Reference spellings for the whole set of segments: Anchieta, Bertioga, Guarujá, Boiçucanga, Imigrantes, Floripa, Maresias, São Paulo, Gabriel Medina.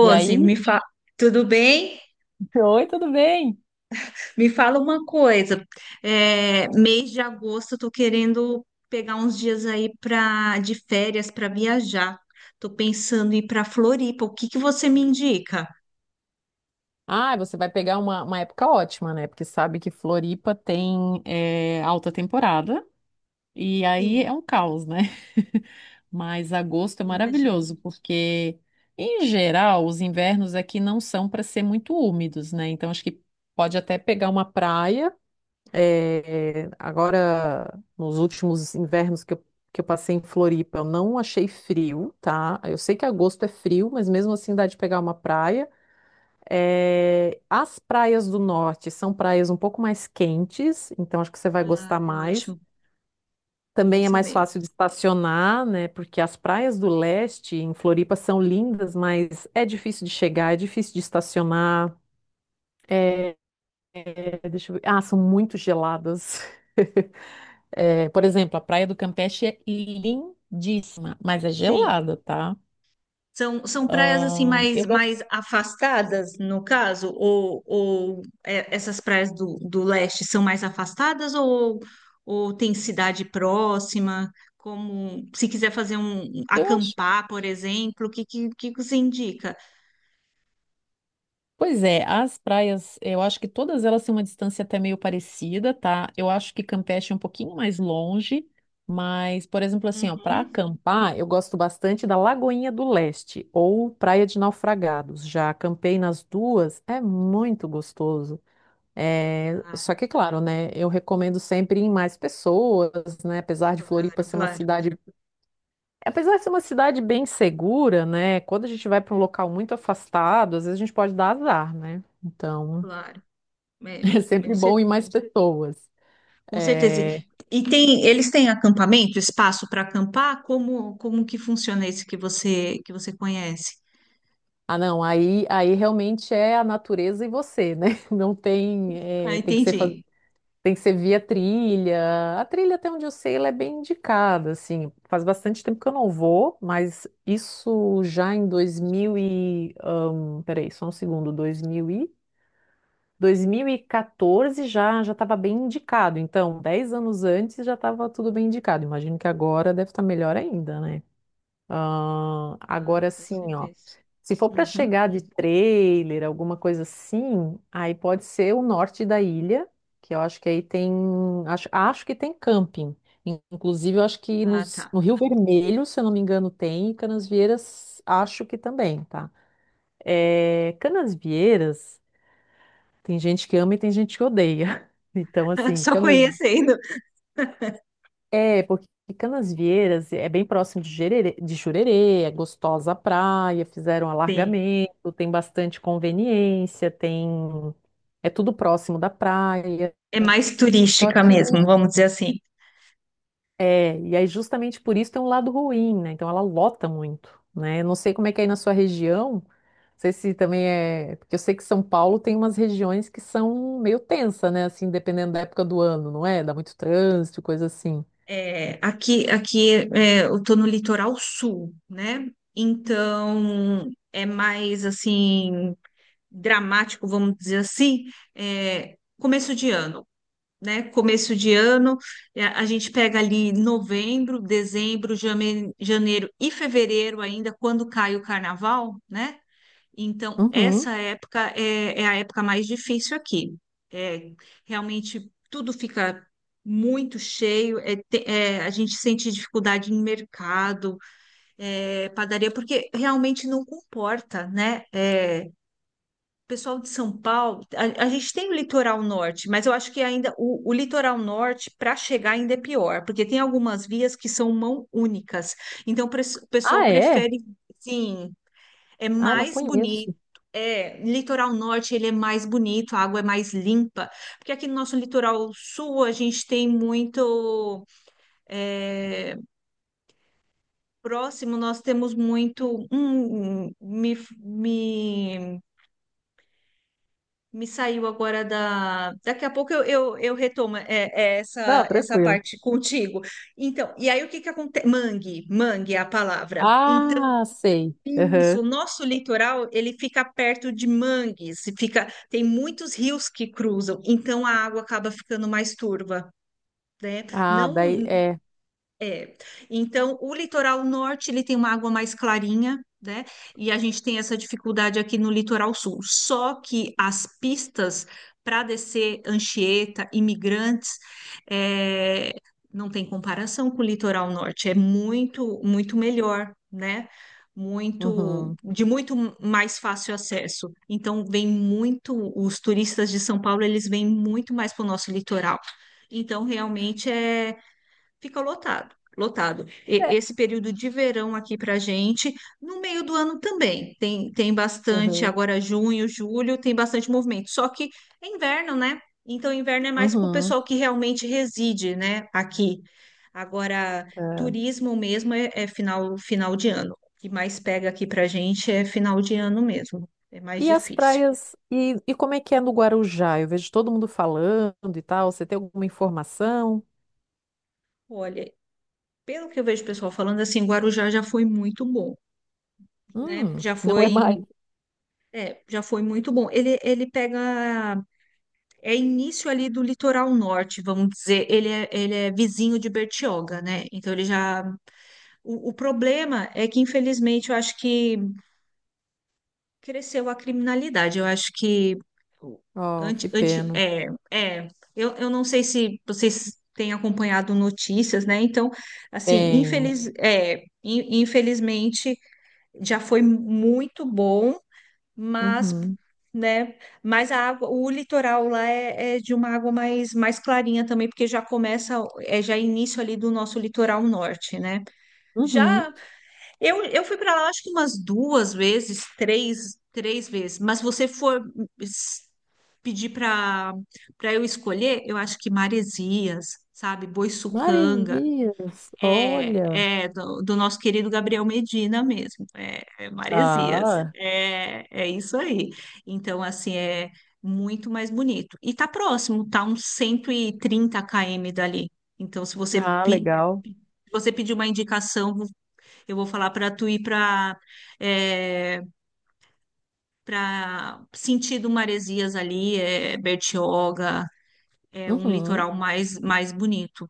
E aí? me fa... tudo bem? Oi, tudo bem? Me fala uma coisa. Mês de agosto, tô querendo pegar uns dias aí de férias para viajar. Tô pensando em ir para Floripa. O que que você me indica? Ah, você vai pegar uma época ótima, né? Porque sabe que Floripa tem alta temporada e aí é Sim, um caos, né? Mas agosto é imagino. maravilhoso, porque, em geral, os invernos aqui não são para ser muito úmidos, né? Então, acho que pode até pegar uma praia. É, agora, nos últimos invernos que eu passei em Floripa, eu não achei frio, tá? Eu sei que agosto é frio, mas mesmo assim dá de pegar uma praia. É, as praias do norte são praias um pouco mais quentes, então acho que você vai Ah, gostar é mais. ótimo. Bom Também é mais saber. fácil de estacionar, né? Porque as praias do leste em Floripa são lindas, mas é difícil de chegar, é difícil de estacionar. É, deixa eu ver. Ah, são muito geladas. É, por exemplo, a Praia do Campeche é lindíssima, mas é Sim. gelada, tá? São praias assim mais, Eu, gosto- mais afastadas, no caso, ou essas praias do leste são mais afastadas ou tem cidade próxima? Como se quiser fazer eu acampar, por exemplo, o que você indica? Pois é, as praias, eu acho que todas elas têm uma distância até meio parecida, tá? Eu acho que Campeche é um pouquinho mais longe, mas, por exemplo, assim, ó, para Uhum. acampar, eu gosto bastante da Lagoinha do Leste ou Praia de Naufragados. Já acampei nas duas, é muito gostoso. É, Claro, só que, claro, né, eu recomendo sempre ir em mais pessoas, né? Claro, Apesar de ser uma cidade bem segura, né? Quando a gente vai para um local muito afastado, às vezes a gente pode dar azar, né? Então, claro. É, é com sempre cer- bom ir mais pessoas. com certeza. É, E tem, eles têm acampamento, espaço para acampar? Como, como que funciona esse que você conhece? Ah, não, aí realmente é a natureza e você, né? Não tem, Ah, é, entendi. tem que ser via trilha. A trilha, até onde eu sei, ela é bem indicada, assim. Faz bastante tempo que eu não vou, mas isso já em 2000 e... peraí, só um segundo, 2000 e... 2014 já estava bem indicado, então 10 anos antes já estava tudo bem indicado. Imagino que agora deve estar melhor ainda, né? Ah, Ah, agora com assim, ó, certeza. se for para Uhum. chegar de trailer, alguma coisa assim, aí pode ser o norte da ilha, que eu acho que aí tem, acho que tem camping. Inclusive, eu acho que Ah, tá. No Rio Vermelho, se eu não me engano, tem, e Canasvieiras acho que também, tá? É, Canasvieiras tem gente que ama e tem gente que odeia. Então, assim, Só canas... conhecendo. É, porque Canasvieiras é bem próximo de Jererê, de Jurerê, é gostosa a praia, fizeram Sim. alargamento, tem bastante conveniência, tem... É tudo próximo da praia. É mais Só turística que mesmo, vamos dizer assim. é, e aí justamente por isso tem um lado ruim, né? Então ela lota muito, né? Eu não sei como é que é aí na sua região, não sei se também é, porque eu sei que São Paulo tem umas regiões que são meio tensa, né? Assim, dependendo da época do ano, não é? Dá muito trânsito, coisa assim. Aqui é, eu tô no litoral sul, né? Então é mais assim dramático, vamos dizer assim, começo de ano. Né? Começo de ano, a gente pega ali novembro, dezembro, janeiro e fevereiro ainda, quando cai o carnaval, né? Então, Uhum. essa época é a época mais difícil aqui. É, realmente tudo fica muito cheio, a gente sente dificuldade em mercado, padaria, porque realmente não comporta, né? É, pessoal de São Paulo, a gente tem o litoral norte, mas eu acho que ainda o litoral norte para chegar ainda é pior, porque tem algumas vias que são mão únicas. Então o pessoal Ah, é? prefere, sim, é Ah, não mais bonito. conheço. É, litoral norte ele é mais bonito, a água é mais limpa, porque aqui no nosso litoral sul a gente tem muito é, próximo, nós temos muito Me saiu agora da. Daqui a pouco eu retomo é Não, essa tranquilo. parte contigo. Então, e aí o que que acontece? Mangue, mangue é a palavra. Então, Ah, sei. isso, Aham. o nosso litoral, ele fica perto de mangues, fica, tem muitos rios que cruzam, então a água acaba ficando mais turva, né? Ah, daí Não, é. é. Então, o litoral norte, ele tem uma água mais clarinha, né? E a gente tem essa dificuldade aqui no litoral sul. Só que as pistas para descer Anchieta, Imigrantes, é, não tem comparação com o litoral norte. É muito, muito melhor, né? Muito, Uhum. de muito mais fácil acesso. Então, vem muito, os turistas de São Paulo, eles vêm muito mais para o nosso litoral. Então, realmente fica lotado, lotado. É. Esse período de verão aqui para gente, no meio do ano também, tem, tem bastante, Aham. agora junho, julho, tem bastante movimento, só que é inverno, né? Então, inverno é mais para o Uhum. pessoal que realmente reside, né, aqui. Agora, turismo mesmo é final, final de ano. O que mais pega aqui para gente é final de ano mesmo, é mais E as difícil. praias, e como é que é no Guarujá? Eu vejo todo mundo falando e tal. Você tem alguma informação? Olha, pelo que eu vejo o pessoal falando, assim, Guarujá já foi muito bom, né? Já Não é foi mais. é, já foi muito bom. Ele pega, é início ali do litoral norte, vamos dizer. Ele é vizinho de Bertioga, né? Então ele já. O problema é que, infelizmente, eu acho que cresceu a criminalidade. Eu acho que. Oh, Anti, que anti, pena. é, é, eu não sei se vocês têm acompanhado notícias, né? Então, assim, Tenho. Infelizmente já foi muito bom mas, Uhum. né, mas a água, o litoral lá é de uma água mais clarinha também, porque já começa, é já início ali do nosso litoral norte, né? Uhum. Já, eu fui para lá acho que umas duas vezes, três vezes, mas você for es- pedir para eu escolher, eu acho que Maresias, sabe, Boiçucanga, Maresias, é, olha. é do nosso querido Gabriel Medina mesmo, é Maresias, Ah, é isso aí. Então, assim, é muito mais bonito. E tá próximo, tá uns 130 km dali. Então, ah, legal. se você pedir uma indicação, eu vou falar para tu ir para sentido Maresias ali, é Bertioga, é um Uhum. litoral mais bonito.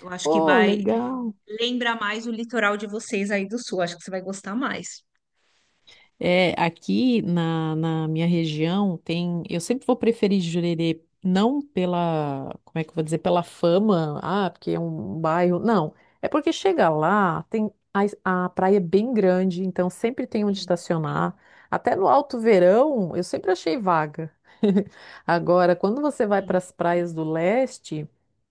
Eu acho que Oh, vai, legal. Lembra mais o litoral de vocês aí do sul. Acho que você vai gostar mais. É, aqui na minha região tem. Eu sempre vou preferir Jurerê, não pela, como é que eu vou dizer, pela fama, ah, porque é um bairro. Não, é porque chega lá, tem a praia é bem grande, então sempre tem onde Sim, estacionar. Até no alto verão, eu sempre achei vaga. Agora, quando você vai para sim. as praias do leste,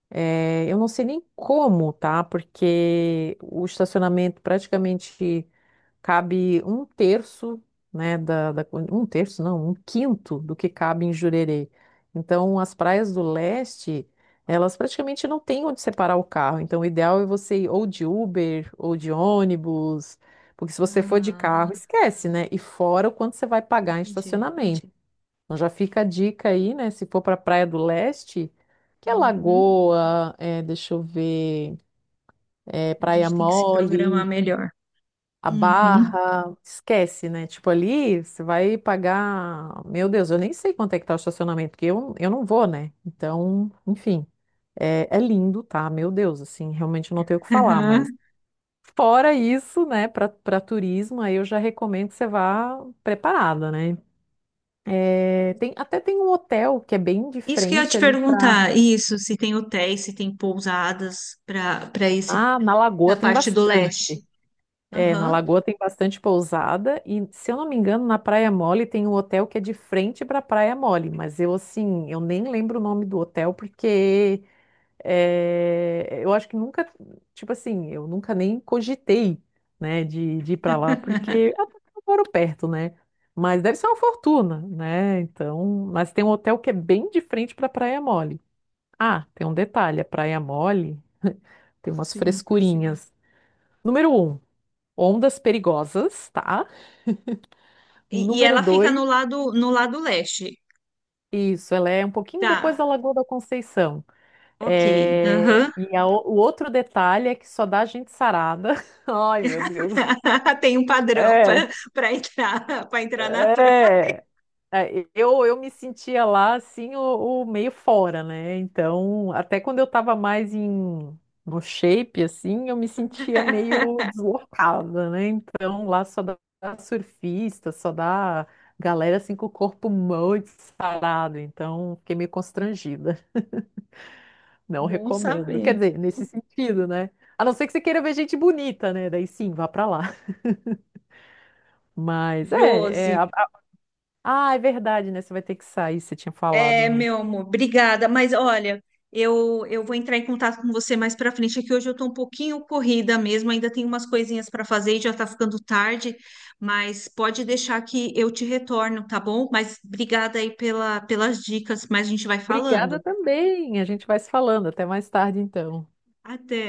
é, eu não sei nem como, tá? Porque o estacionamento praticamente cabe um terço, né, um terço, não, um quinto do que cabe em Jurerê. Então, as praias do leste, elas praticamente não têm onde separar o carro. Então, o ideal é você ir ou de Uber ou de ônibus, porque se você for de Ah, carro, esquece, né? E fora o quanto você vai pagar em entendi. estacionamento. Então, já fica a dica aí, né? Se for para a Praia do Leste, que é Uhum. Lagoa, é, deixa eu ver, é, A Praia gente tem que se programar Mole. melhor. A Uhum. barra, esquece, né? Tipo, ali você vai pagar. Meu Deus, eu nem sei quanto é que tá o estacionamento, porque eu não vou, né? Então, enfim, é, é lindo, tá? Meu Deus, assim, realmente eu não tenho o que falar, Aham. mas fora isso, né, para turismo, aí eu já recomendo que você vá preparada, né? É, tem, até tem um hotel que é bem de Isso que eu ia frente te ali para. perguntar, isso, se tem hotéis, se tem pousadas para esse Ah, na na Lagoa tem parte do leste. bastante. É, na Aham. Lagoa tem bastante pousada e, se eu não me engano, na Praia Mole tem um hotel que é de frente para a Praia Mole, mas eu, assim, eu nem lembro o nome do hotel porque é, eu acho que nunca, tipo assim, eu nunca nem cogitei, né, de ir para lá porque até que eu moro perto, né? Mas deve ser uma fortuna, né? Então, mas tem um hotel que é bem de frente para a Praia Mole. Ah, tem um detalhe, a Praia Mole tem umas Sim. frescurinhas. Número um, ondas perigosas, tá? E Número ela fica dois, no lado no lado leste. isso, ela é um pouquinho depois Tá. da Lagoa da Conceição. Ok. É, Aham. e a o outro detalhe é que só dá gente sarada. Ai, meu Deus. Tem um padrão É, para entrar na praia. é. É, eu me sentia lá assim, o meio fora, né? Então, até quando eu tava mais em, no shape, assim, eu me sentia meio deslocada, né? Então, lá só dá surfista, só dá galera assim com o corpo muito sarado. Então, fiquei meio constrangida. Não Bom recomendo. Quer saber. dizer, nesse sentido, né? A não ser que você queira ver gente bonita, né? Daí sim, vá pra lá. Mas é, Josi, é a- a- Ah, é verdade, né? Você vai ter que sair, você tinha falado, né? meu amor, obrigada. Mas olha, eu vou entrar em contato com você mais pra frente, é que hoje eu tô um pouquinho corrida mesmo, ainda tenho umas coisinhas pra fazer e já tá ficando tarde, mas pode deixar que eu te retorno, tá bom? Mas obrigada aí pela, pelas dicas, mas a gente vai Obrigada falando. também. A gente vai se falando. Até mais tarde, então. Até.